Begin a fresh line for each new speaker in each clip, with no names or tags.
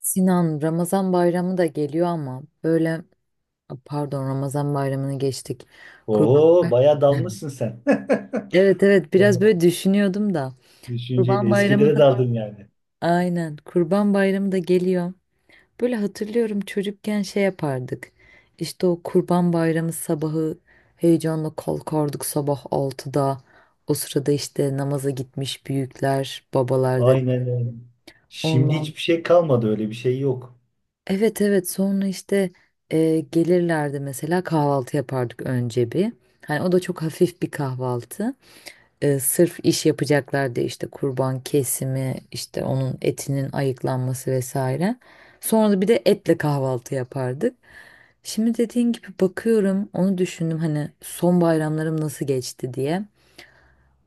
Sinan, Ramazan bayramı da geliyor ama böyle pardon Ramazan bayramını geçtik. Kurban
Oo, bayağı
bayramı.
dalmışsın sen.
Evet, evet biraz
Tamam.
böyle düşünüyordum da. Kurban
Düşünceyle
bayramı
eskilere
da
daldın yani.
aynen Kurban bayramı da geliyor. Böyle hatırlıyorum çocukken şey yapardık. İşte o Kurban bayramı sabahı heyecanla kalkardık sabah altıda. O sırada işte namaza gitmiş büyükler, babalar dedi.
Aynen öyle. Şimdi
Ondan
hiçbir şey kalmadı öyle bir şey yok.
evet, evet sonra işte gelirlerdi mesela kahvaltı yapardık önce bir. Hani o da çok hafif bir kahvaltı. Sırf iş yapacaklardı işte kurban kesimi işte onun etinin ayıklanması vesaire. Sonra da bir de etle kahvaltı yapardık. Şimdi dediğin gibi bakıyorum onu düşündüm hani son bayramlarım nasıl geçti diye.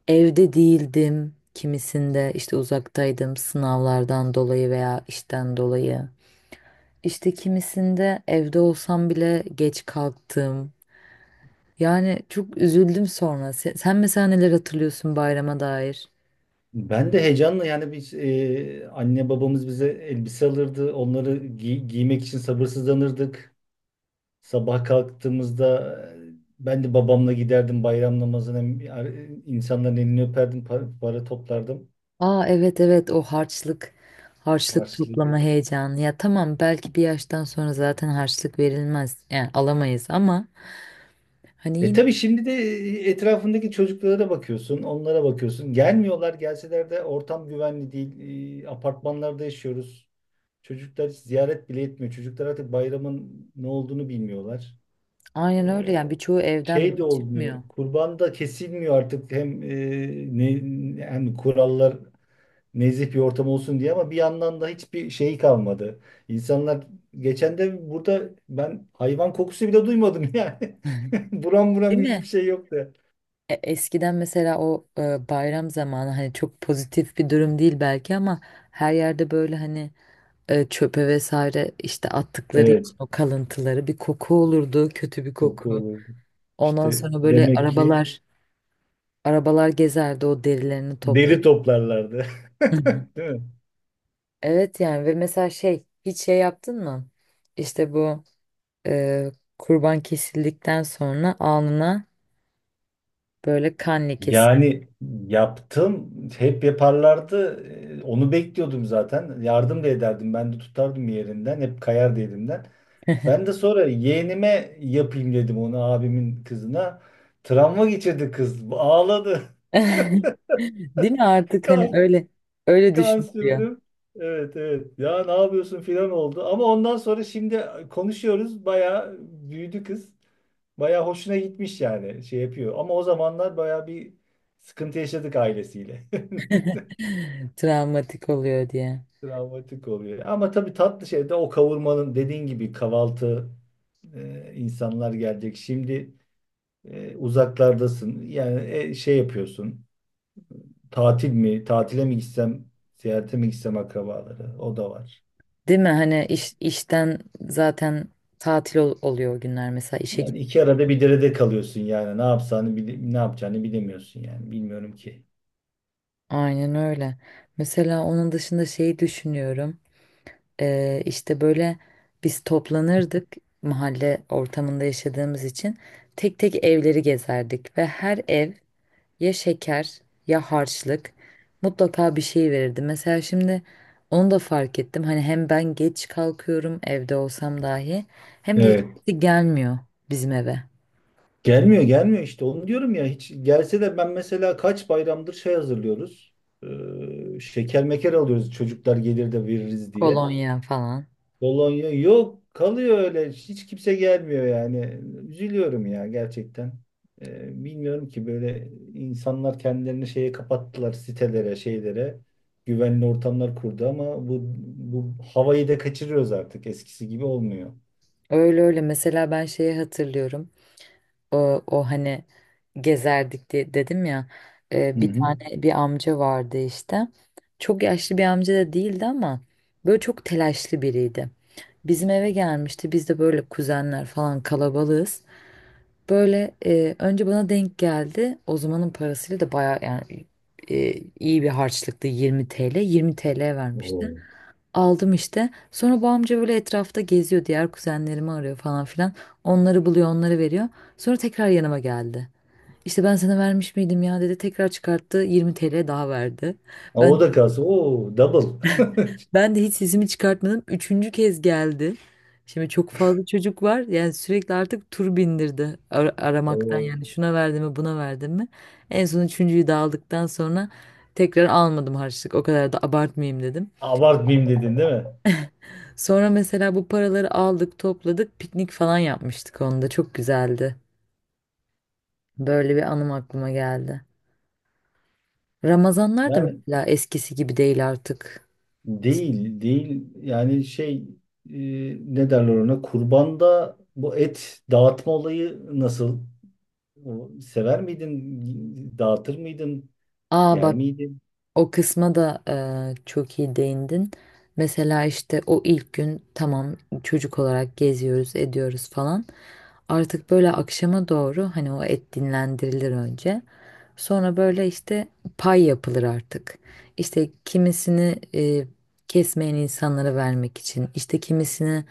Evde değildim kimisinde işte uzaktaydım sınavlardan dolayı veya işten dolayı. İşte kimisinde evde olsam bile geç kalktım. Yani çok üzüldüm sonra. Sen mesela neler hatırlıyorsun bayrama dair?
Ben de heyecanla yani biz anne babamız bize elbise alırdı. Onları giymek için sabırsızlanırdık. Sabah kalktığımızda ben de babamla giderdim bayram namazına. E, insanların elini öperdim, para, para toplardım.
Aa evet, evet o harçlık, harçlık toplama
Harçlık.
heyecanı. Ya tamam belki bir yaştan sonra zaten harçlık verilmez. Yani alamayız ama hani
E
yine
tabii şimdi de etrafındaki çocuklara bakıyorsun, onlara bakıyorsun. Gelmiyorlar, gelseler de ortam güvenli değil. Apartmanlarda yaşıyoruz. Çocuklar hiç ziyaret bile etmiyor. Çocuklar artık bayramın ne olduğunu bilmiyorlar. E,
aynen öyle yani birçoğu evden
şey de
bile
olmuyor.
çıkmıyor.
Kurban da kesilmiyor artık. Hem ne, hem kurallar nezih bir ortam olsun diye ama bir yandan da hiçbir şey kalmadı. İnsanlar geçen de burada ben hayvan kokusu bile duymadım yani. Buram buram
Değil
hiçbir
mi?
şey yoktu.
Eskiden mesela o bayram zamanı hani çok pozitif bir durum değil belki ama her yerde böyle hani çöpe vesaire işte attıkları
Evet.
için o kalıntıları bir koku olurdu, kötü bir
Koku
koku.
olurdu.
Ondan
İşte
sonra böyle
demek ki
arabalar gezerdi o derilerini topla.
deri toplarlardı.
Hı hı.
Değil mi?
Evet yani ve mesela şey hiç şey yaptın mı? İşte bu e, kurban kesildikten sonra alnına böyle kan lekesi.
Yani yaptım, hep yaparlardı. Onu bekliyordum zaten. Yardım da ederdim. Ben de tutardım yerinden. Hep kayardı elimden. Ben de sonra yeğenime yapayım dedim onu abimin kızına. Travma geçirdi kız. Ağladı.
Değil mi artık hani
Kan,
öyle öyle
kan
düşünülüyor.
sürdüm. Evet evet. Ya ne yapıyorsun filan oldu. Ama ondan sonra şimdi konuşuyoruz. Bayağı büyüdü kız. Bayağı hoşuna gitmiş yani şey yapıyor. Ama o zamanlar bayağı bir sıkıntı yaşadık ailesiyle.
Travmatik oluyor diye.
Travmatik oluyor. Ama tabii tatlı şey de o kavurmanın dediğin gibi kahvaltı insanlar gelecek. Şimdi uzaklardasın. Yani şey yapıyorsun. Tatil mi? Tatile mi gitsem? Seyahate mi gitsem akrabaları? O da var.
Değil mi? Hani işten zaten tatil oluyor o günler mesela işe git.
Yani iki arada bir derede kalıyorsun yani. Ne yapacağını ne yapacağını bilemiyorsun yani. Bilmiyorum ki.
Aynen öyle. Mesela onun dışında şeyi düşünüyorum. İşte böyle biz toplanırdık mahalle ortamında yaşadığımız için tek tek evleri gezerdik ve her ev ya şeker ya harçlık mutlaka bir şey verirdi. Mesela şimdi onu da fark ettim. Hani hem ben geç kalkıyorum evde olsam dahi hem de hiç
Evet.
gelmiyor bizim eve.
Gelmiyor gelmiyor işte onu diyorum ya hiç gelse de ben mesela kaç bayramdır şey hazırlıyoruz. Şeker meker alıyoruz çocuklar gelir de veririz diye.
Kolonya falan.
Bologna yok kalıyor öyle hiç kimse gelmiyor yani. Üzülüyorum ya gerçekten. Bilmiyorum ki böyle insanlar kendilerini şeye kapattılar sitelere şeylere. Güvenli ortamlar kurdu ama bu havayı da kaçırıyoruz artık eskisi gibi olmuyor.
Öyle öyle mesela ben şeyi hatırlıyorum o hani gezerdik diye dedim ya,
Hı
bir
hı.
tane bir amca vardı işte çok yaşlı bir amca da değildi ama böyle çok telaşlı biriydi. Bizim eve gelmişti biz de böyle kuzenler falan kalabalığız böyle önce bana denk geldi o zamanın parasıyla da baya yani e, iyi bir harçlıktı, 20 TL 20 TL vermişti.
Oo.
Aldım işte. Sonra bu amca böyle etrafta geziyor. Diğer kuzenlerimi arıyor falan filan. Onları buluyor, onları veriyor. Sonra tekrar yanıma geldi. İşte ben sana vermiş miydim ya dedi. Tekrar çıkarttı. 20 TL daha verdi.
Ha,
Ben
o da kalsın. Oo, double.
ben de hiç sesimi çıkartmadım. Üçüncü kez geldi. Şimdi çok fazla çocuk var. Yani sürekli artık tur bindirdi aramaktan.
O
Yani şuna verdim mi, buna verdim mi? En son üçüncüyü de aldıktan sonra tekrar almadım harçlık. O kadar da abartmayayım dedim.
abartmayayım dedin değil mi?
Sonra mesela bu paraları aldık, topladık, piknik falan yapmıştık onda. Çok güzeldi. Böyle bir anım aklıma geldi. Ramazanlar da
Yani
mesela eskisi gibi değil artık.
değil, değil. Yani şey e, ne derler ona? Kurbanda bu et dağıtma olayı nasıl? O, sever miydin? Dağıtır mıydın?
Aa
Yer
bak,
miydin?
o kısma da çok iyi değindin. Mesela işte o ilk gün tamam çocuk olarak geziyoruz, ediyoruz falan. Artık böyle akşama doğru hani o et dinlendirilir önce. Sonra böyle işte pay yapılır artık. İşte kimisini kesmeyen insanlara vermek için, işte kimisini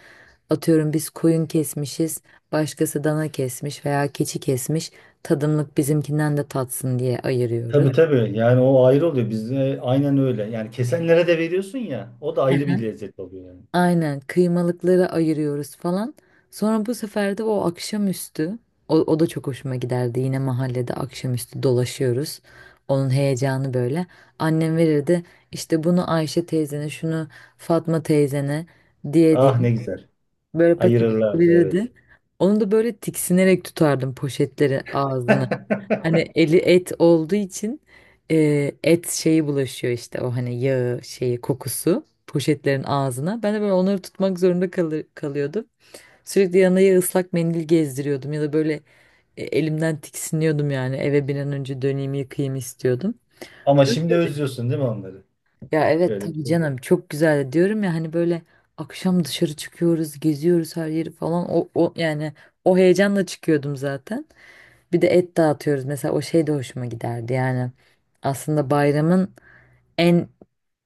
atıyorum biz koyun kesmişiz, başkası dana kesmiş veya keçi kesmiş. Tadımlık bizimkinden de tatsın diye ayırıyoruz.
Tabii tabii. Yani o ayrı oluyor. Bizde aynen öyle. Yani kesenlere de veriyorsun ya. O da ayrı bir lezzet oluyor yani.
Aynen kıymalıkları ayırıyoruz falan. Sonra bu sefer de o akşamüstü o da çok hoşuma giderdi. Yine mahallede akşamüstü dolaşıyoruz. Onun heyecanı böyle. Annem verirdi işte bunu Ayşe teyzene, şunu Fatma teyzene diye diye
Ah ne güzel.
böyle paket
Ayırırlardı evet.
verirdi. Onu da böyle tiksinerek tutardım poşetleri ağzına. Hani eli et olduğu için et şeyi bulaşıyor işte o hani yağı şeyi kokusu poşetlerin ağzına. Ben de böyle onları tutmak zorunda kalıyordum. Sürekli yanına ya ıslak mendil gezdiriyordum ya da böyle elimden tiksiniyordum yani eve bir an önce döneyim yıkayayım istiyordum.
Ama şimdi
Öyleydi.
özlüyorsun değil mi onları?
Ya evet
Şöyle bir
tabii
şey.
canım çok güzeldi diyorum ya hani böyle akşam dışarı çıkıyoruz geziyoruz her yeri falan o yani o heyecanla çıkıyordum zaten. Bir de et dağıtıyoruz. Mesela o şey de hoşuma giderdi. Yani aslında bayramın en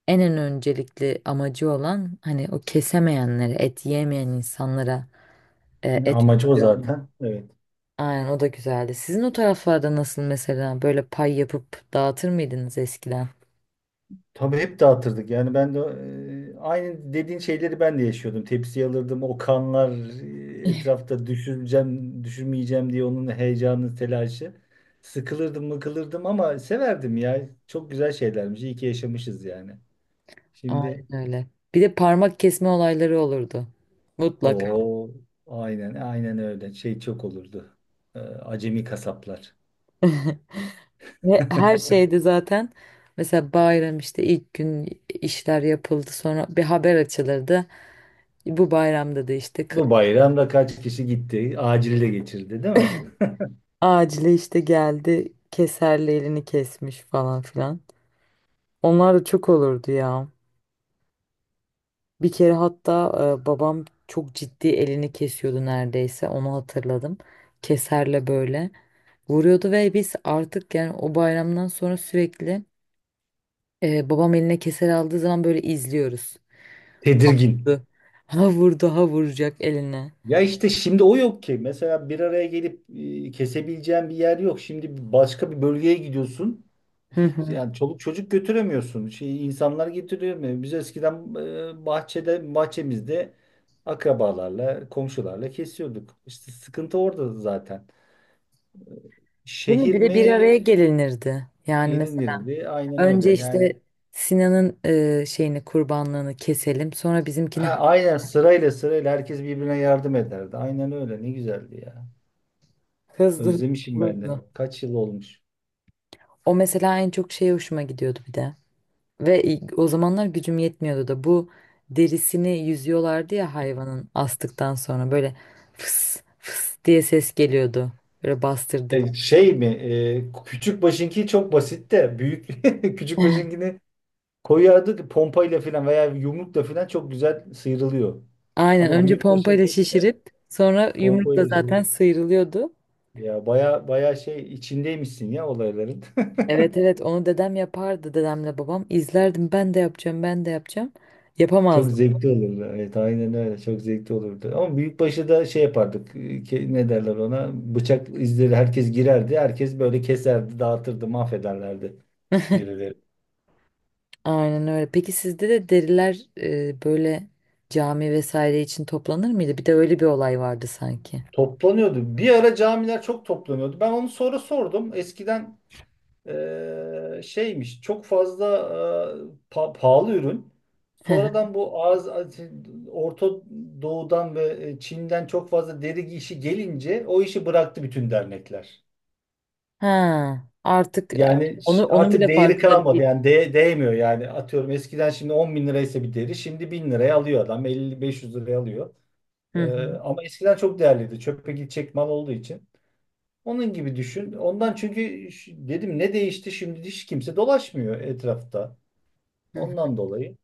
en en öncelikli amacı olan hani o kesemeyenlere, et yiyemeyen insanlara et
Amacı o
veriyor.
zaten. Evet.
Aynen o da güzeldi. Sizin o taraflarda nasıl mesela böyle pay yapıp dağıtır mıydınız eskiden?
Tabii hep dağıtırdık. Yani ben de aynı dediğin şeyleri ben de yaşıyordum. Tepsi alırdım. O kanlar etrafta düşüreceğim, düşürmeyeceğim diye onun heyecanı, telaşı. Sıkılırdım, mıkılırdım ama severdim ya. Çok güzel şeylermiş. İyi ki yaşamışız yani.
Aynen
Şimdi
öyle. Bir de parmak kesme olayları olurdu. Mutlaka.
o aynen aynen öyle. Şey çok olurdu. Acemi kasaplar.
Ve her şeyde zaten mesela bayram işte ilk gün işler yapıldı sonra bir haber açılırdı. Bu bayramda da işte
Bu bayramda kaç kişi gitti? Acil de geçirdi, değil mi?
acile işte geldi keserle elini kesmiş falan filan. Onlar da çok olurdu ya. Bir kere hatta babam çok ciddi elini kesiyordu neredeyse onu hatırladım. Keserle böyle vuruyordu ve biz artık yani o bayramdan sonra sürekli babam eline keser aldığı zaman böyle izliyoruz.
Tedirgin.
Vurdu. Ha vurdu ha vuracak eline.
Ya işte şimdi o yok ki. Mesela bir araya gelip kesebileceğin bir yer yok. Şimdi başka bir bölgeye gidiyorsun.
Hı
Hiç
hı.
yani çoluk çocuk götüremiyorsun. Şey, insanlar getiriyor. Biz eskiden bahçede bahçemizde akrabalarla, komşularla kesiyorduk. İşte sıkıntı orada zaten.
Değil mi?
Şehir
Bir de
mi
bir araya gelinirdi. Yani
gelinirdi? Aynen öyle.
önce
Yani
işte Sinan'ın şeyini kurbanlığını keselim. Sonra
ha,
bizimkini
aynen sırayla sırayla herkes birbirine yardım ederdi. Aynen öyle. Ne güzeldi ya.
hızlı hızlı
Özlemişim ben de.
olurdu.
Kaç yıl olmuş.
O mesela en çok şeye hoşuma gidiyordu bir de. Ve o zamanlar gücüm yetmiyordu da bu derisini yüzüyorlardı ya hayvanın astıktan sonra böyle fıs fıs diye ses geliyordu. Böyle bastırdık.
Şey mi? Küçük başınki çok basit de büyük küçük başınkini koyardık pompayla falan veya yumrukla falan çok güzel sıyrılıyor.
Aynen
Ama
önce
büyük
pompayla
başınki
şişirip sonra yumrukla
pompayla şey.
zaten sıyrılıyordu.
Ya baya baya şey içindeymişsin ya olayların.
Evet, evet onu dedem yapardı dedemle babam. İzlerdim ben de yapacağım ben de yapacağım.
Çok
Yapamazdım.
zevkli olurdu. Evet aynen öyle. Çok zevkli olurdu. Ama büyükbaşı da şey yapardık. Ne derler ona? Bıçak izleri herkes girerdi. Herkes böyle keserdi, dağıtırdı, mahvederlerdi derileri.
Aynen öyle. Peki sizde de deriler böyle cami vesaire için toplanır mıydı? Bir de öyle bir olay vardı sanki.
Toplanıyordu. Bir ara camiler çok toplanıyordu. Ben onu sonra sordum. Eskiden şeymiş çok fazla eee, pahalı ürün.
Hı hı.
Sonradan bu Orta Doğu'dan ve Çin'den çok fazla deri işi gelince o işi bıraktı bütün dernekler.
Ha, artık
Yani
onu onun
artık
bile
değeri
farkında
kalmadı.
değil.
Yani değmiyor yani. Atıyorum eskiden şimdi 10 bin liraysa bir deri şimdi 1000 liraya alıyor adam. 50-500 liraya alıyor.
Hı hı.
Ama eskiden çok değerliydi. Çöpe gidecek mal olduğu için. Onun gibi düşün. Ondan çünkü dedim ne değişti şimdi hiç kimse dolaşmıyor etrafta.
Hı hı.
Ondan dolayı.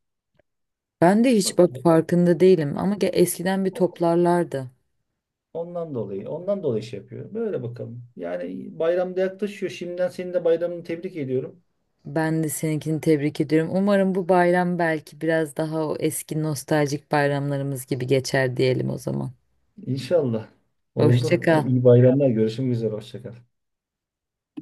Ben de hiç bak
Bakalım.
farkında değilim ama eskiden bir
O-
toplarlardı.
Ondan dolayı. Ondan dolayı şey yapıyor. Böyle bakalım. Yani bayramda yaklaşıyor. Şimdiden senin de bayramını tebrik ediyorum.
Ben de seninkini tebrik ediyorum. Umarım bu bayram belki biraz daha o eski nostaljik bayramlarımız gibi geçer diyelim o zaman.
İnşallah. Oldu.
Hoşça kal.
İyi bayramlar. Görüşmek üzere. Hoşça kal.